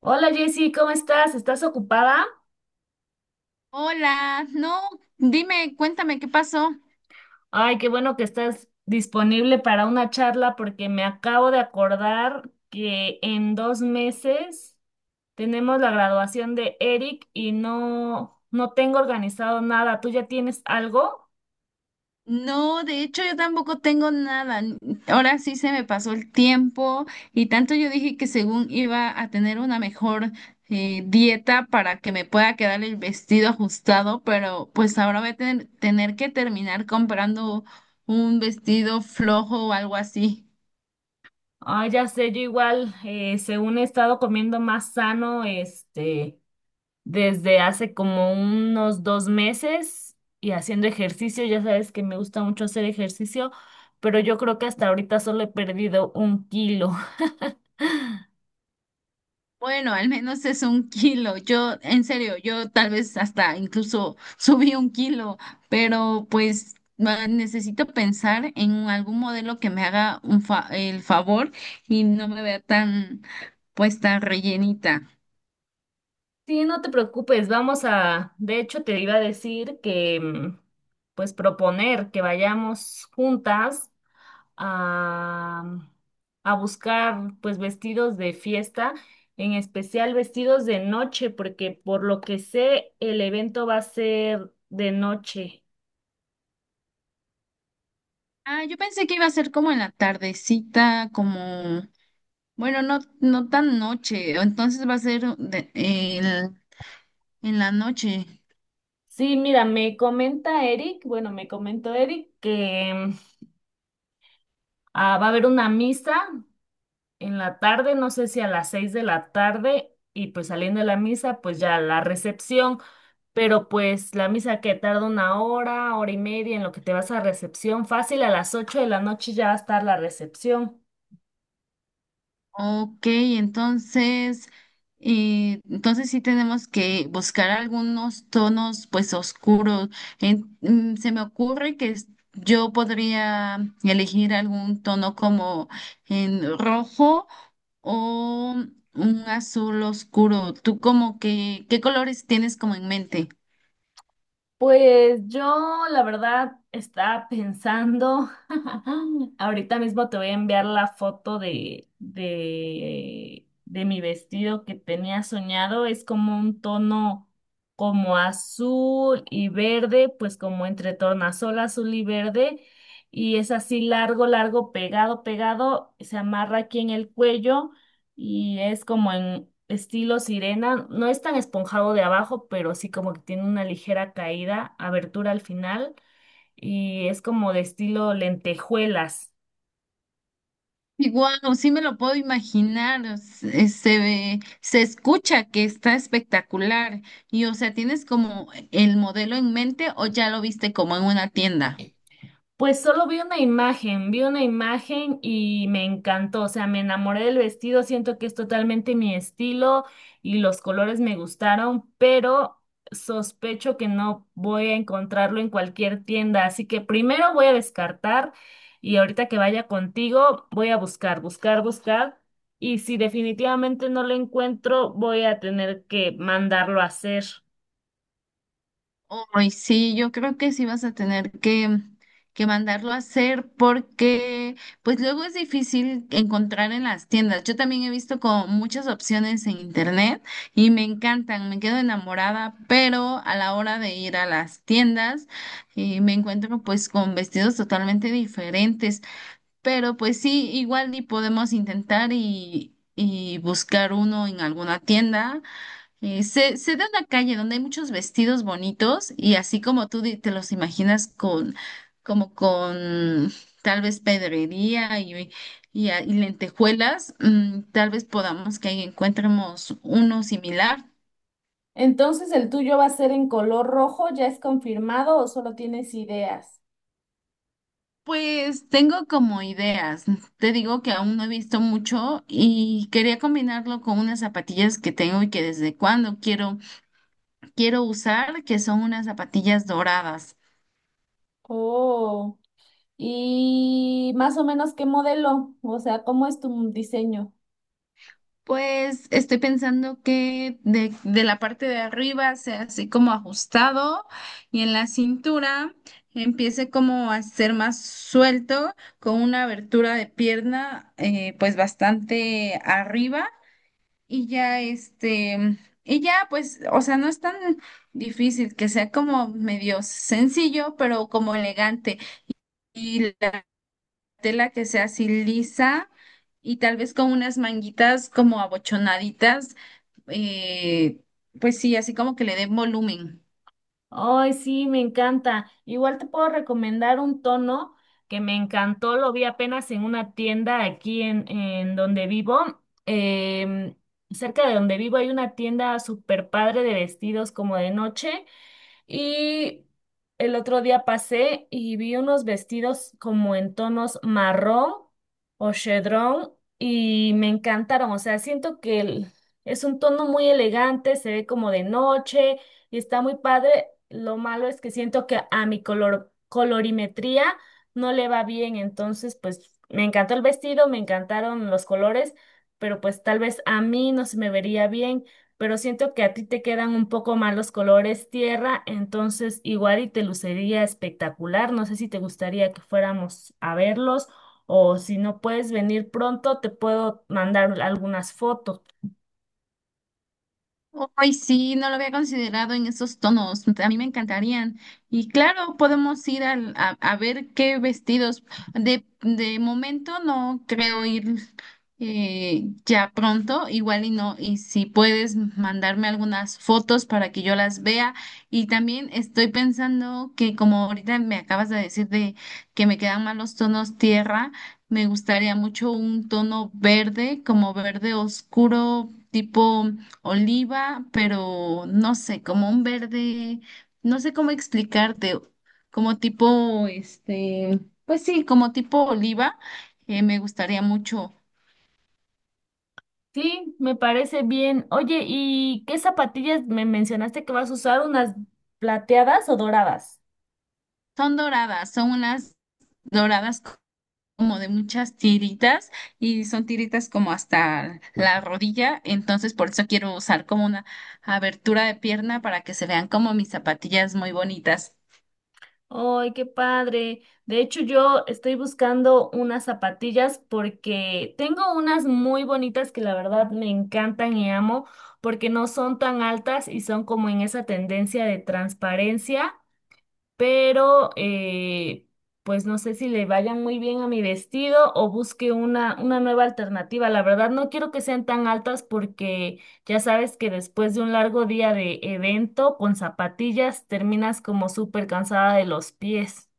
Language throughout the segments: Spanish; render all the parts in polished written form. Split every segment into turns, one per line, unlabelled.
Hola Jessy, ¿cómo estás? ¿Estás ocupada?
Hola, no, dime, cuéntame qué pasó.
Ay, qué bueno que estás disponible para una charla porque me acabo de acordar que en 2 meses tenemos la graduación de Eric y no, no tengo organizado nada. ¿Tú ya tienes algo?
No, de hecho yo tampoco tengo nada. Ahora sí se me pasó el tiempo y tanto yo dije que según iba a tener una mejor dieta para que me pueda quedar el vestido ajustado, pero pues ahora voy a tener que terminar comprando un vestido flojo o algo así.
Ay, ya sé, yo igual, según he estado comiendo más sano, desde hace como unos 2 meses y haciendo ejercicio. Ya sabes que me gusta mucho hacer ejercicio, pero yo creo que hasta ahorita solo he perdido un kilo.
Bueno, al menos es un kilo. Yo, en serio, yo tal vez hasta incluso subí un kilo, pero pues necesito pensar en algún modelo que me haga un el favor y no me vea tan, pues tan rellenita.
Sí, no te preocupes, vamos a, de hecho te iba a decir que pues proponer que vayamos juntas a, a buscar pues vestidos de fiesta, en especial vestidos de noche, porque por lo que sé el evento va a ser de noche.
Ah, yo pensé que iba a ser como en la tardecita, como, bueno, no, no tan noche, entonces va a ser en la noche.
Sí, mira, me comenta Eric, bueno, me comentó Eric que ah, va a haber una misa en la tarde, no sé si a las 6 de la tarde, y pues saliendo de la misa, pues ya la recepción, pero pues la misa que tarda una hora, hora y media en lo que te vas a recepción, fácil a las 8 de la noche ya va a estar la recepción.
Ok, entonces, entonces sí tenemos que buscar algunos tonos pues oscuros. Se me ocurre que yo podría elegir algún tono como en rojo o un azul oscuro. ¿Tú como que qué colores tienes como en mente?
Pues yo, la verdad, estaba pensando, ahorita mismo te voy a enviar la foto de mi vestido que tenía soñado, es como un tono como azul y verde, pues como entre tornasol azul y verde, y es así largo, largo, pegado, pegado, se amarra aquí en el cuello y es como en estilo sirena, no es tan esponjado de abajo, pero sí como que tiene una ligera caída, abertura al final, y es como de estilo lentejuelas.
Y guau, sí me lo puedo imaginar, o se escucha que está espectacular. Y o sea, ¿tienes como el modelo en mente o ya lo viste como en una tienda?
Pues solo vi una imagen y me encantó, o sea, me enamoré del vestido, siento que es totalmente mi estilo y los colores me gustaron, pero sospecho que no voy a encontrarlo en cualquier tienda, así que primero voy a descartar y ahorita que vaya contigo voy a buscar, buscar, buscar y si definitivamente no lo encuentro voy a tener que mandarlo a hacer.
Ay, sí, yo creo que sí vas a tener que mandarlo a hacer porque pues luego es difícil encontrar en las tiendas. Yo también he visto como muchas opciones en internet y me encantan, me quedo enamorada, pero a la hora de ir a las tiendas me encuentro pues con vestidos totalmente diferentes. Pero pues sí, igual y podemos intentar y buscar uno en alguna tienda sé, sé de una calle donde hay muchos vestidos bonitos y así como tú te los imaginas con, como con tal vez pedrería y y lentejuelas, mm, tal vez podamos que ahí encontremos uno similar.
Entonces, ¿el tuyo va a ser en color rojo? ¿Ya es confirmado o solo tienes ideas?
Pues tengo como ideas. Te digo que aún no he visto mucho y quería combinarlo con unas zapatillas que tengo y que desde cuando quiero usar, que son unas zapatillas doradas.
Oh, y más o menos qué modelo, o sea, ¿cómo es tu diseño?
Pues estoy pensando que de la parte de arriba sea así como ajustado y en la cintura empiece como a ser más suelto con una abertura de pierna pues bastante arriba y ya este, y ya pues, o sea, no es tan difícil que sea como medio sencillo pero como elegante. Y la tela que sea así lisa y tal vez con unas manguitas como abochonaditas, eh, pues sí, así como que le den volumen.
Ay, sí, me encanta. Igual te puedo recomendar un tono que me encantó, lo vi apenas en una tienda aquí en donde vivo. Em, Cerca de donde vivo hay una tienda súper padre de vestidos como de noche. Y el otro día pasé y vi unos vestidos como en tonos marrón o chedrón y me encantaron. O sea, siento que es un tono muy elegante, se ve como de noche y está muy padre. Lo malo es que siento que a mi color, colorimetría no le va bien. Entonces, pues me encantó el vestido, me encantaron los colores, pero pues tal vez a mí no se me vería bien, pero siento que a ti te quedan un poco mal los colores tierra, entonces igual y te lucería espectacular. No sé si te gustaría que fuéramos a verlos o si no puedes venir pronto, te puedo mandar algunas fotos.
Hoy sí, no lo había considerado en esos tonos. A mí me encantarían. Y claro, podemos ir a ver qué vestidos. De momento no creo ir ya pronto, igual y no. Y si puedes mandarme algunas fotos para que yo las vea. Y también estoy pensando que como ahorita me acabas de decir de que me quedan mal los tonos tierra, me gustaría mucho un tono verde, como verde oscuro, tipo oliva, pero no sé, como un verde, no sé cómo explicarte, como tipo, este, pues sí, como tipo oliva, me gustaría mucho.
Sí, me parece bien. Oye, ¿y qué zapatillas me mencionaste que vas a usar? ¿Unas plateadas o doradas?
Son doradas, son unas doradas como de muchas tiritas y son tiritas como hasta la rodilla, entonces por eso quiero usar como una abertura de pierna para que se vean como mis zapatillas muy bonitas.
Ay, qué padre. De hecho, yo estoy buscando unas zapatillas porque tengo unas muy bonitas que la verdad me encantan y amo porque no son tan altas y son como en esa tendencia de transparencia, pero pues no sé si le vayan muy bien a mi vestido o busque una nueva alternativa. La verdad no quiero que sean tan altas porque ya sabes que después de un largo día de evento con zapatillas terminas como súper cansada de los pies.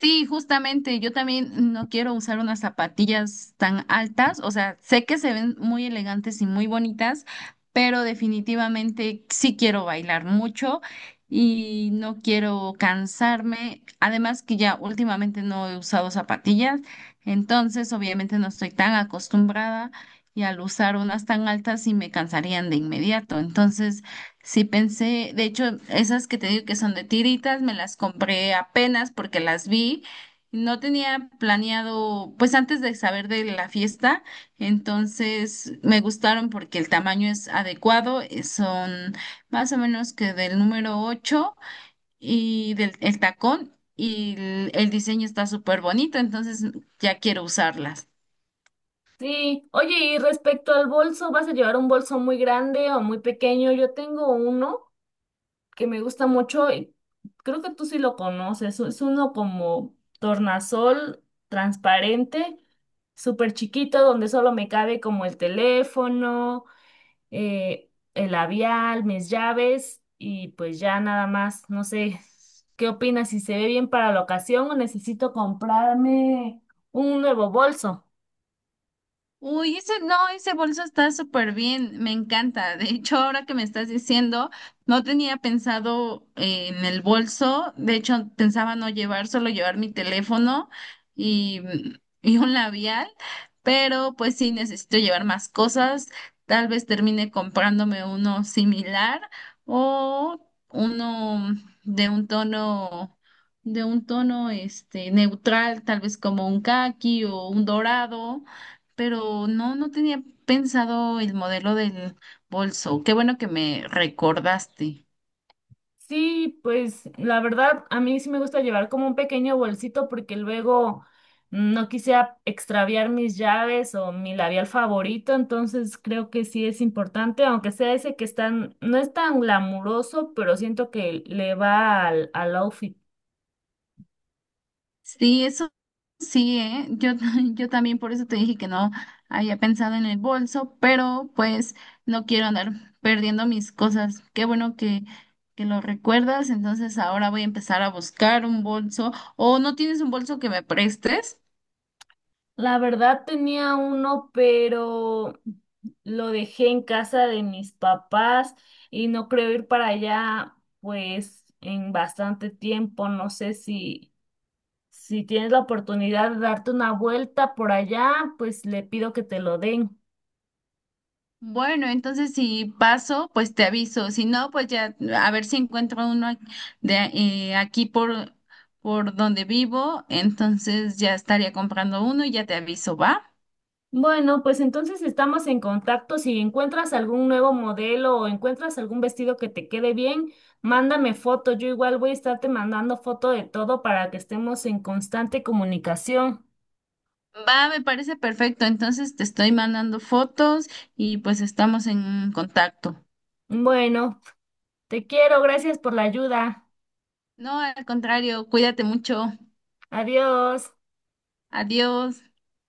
Sí, justamente, yo también no quiero usar unas zapatillas tan altas, o sea, sé que se ven muy elegantes y muy bonitas, pero definitivamente sí quiero bailar mucho y no quiero cansarme, además que ya últimamente no he usado zapatillas, entonces obviamente no estoy tan acostumbrada y al usar unas tan altas sí me cansarían de inmediato, entonces... Sí, pensé, de hecho, esas que te digo que son de tiritas, me las compré apenas porque las vi. No tenía planeado, pues antes de saber de la fiesta, entonces me gustaron porque el tamaño es adecuado, son más o menos que del número 8 y del el tacón y el diseño está súper bonito, entonces ya quiero usarlas.
Sí, oye, y respecto al bolso, ¿vas a llevar un bolso muy grande o muy pequeño? Yo tengo uno que me gusta mucho, y creo que tú sí lo conoces, es uno como tornasol transparente, súper chiquito, donde solo me cabe como el teléfono, el labial, mis llaves y pues ya nada más, no sé, ¿qué opinas? ¿Si se ve bien para la ocasión o necesito comprarme un nuevo bolso?
Uy, ese no, ese bolso está súper bien, me encanta. De hecho, ahora que me estás diciendo, no tenía pensado en el bolso, de hecho pensaba no llevar, solo llevar mi teléfono y, y un labial, pero pues sí necesito llevar más cosas, tal vez termine comprándome uno similar o uno de un tono, de un tono este neutral, tal vez como un caqui o un dorado pero no, no tenía pensado el modelo del bolso. Qué bueno que me recordaste.
Sí, pues la verdad, a mí sí me gusta llevar como un pequeño bolsito porque luego no quisiera extraviar mis llaves o mi labial favorito, entonces creo que sí es importante, aunque sea ese que están, no es tan glamuroso, pero siento que le va al outfit.
Sí, eso sí, ¿eh? Yo, yo también por eso te dije que no había pensado en el bolso, pero pues no quiero andar perdiendo mis cosas. Qué bueno que lo recuerdas. Entonces ahora voy a empezar a buscar un bolso. ¿O no tienes un bolso que me prestes?
La verdad tenía uno, pero lo dejé en casa de mis papás y no creo ir para allá, pues en bastante tiempo, no sé si... Si tienes la oportunidad de darte una vuelta por allá, pues le pido que te lo den.
Bueno, entonces si paso, pues te aviso. Si no, pues ya a ver si encuentro uno de aquí por donde vivo. Entonces ya estaría comprando uno y ya te aviso, ¿va?
Bueno, pues entonces estamos en contacto. Si encuentras algún nuevo modelo o encuentras algún vestido que te quede bien, mándame foto. Yo igual voy a estarte mandando foto de todo para que estemos en constante comunicación.
Va, me parece perfecto. Entonces te estoy mandando fotos y pues estamos en contacto.
Bueno, te quiero. Gracias por la ayuda.
No, al contrario, cuídate mucho.
Adiós.
Adiós.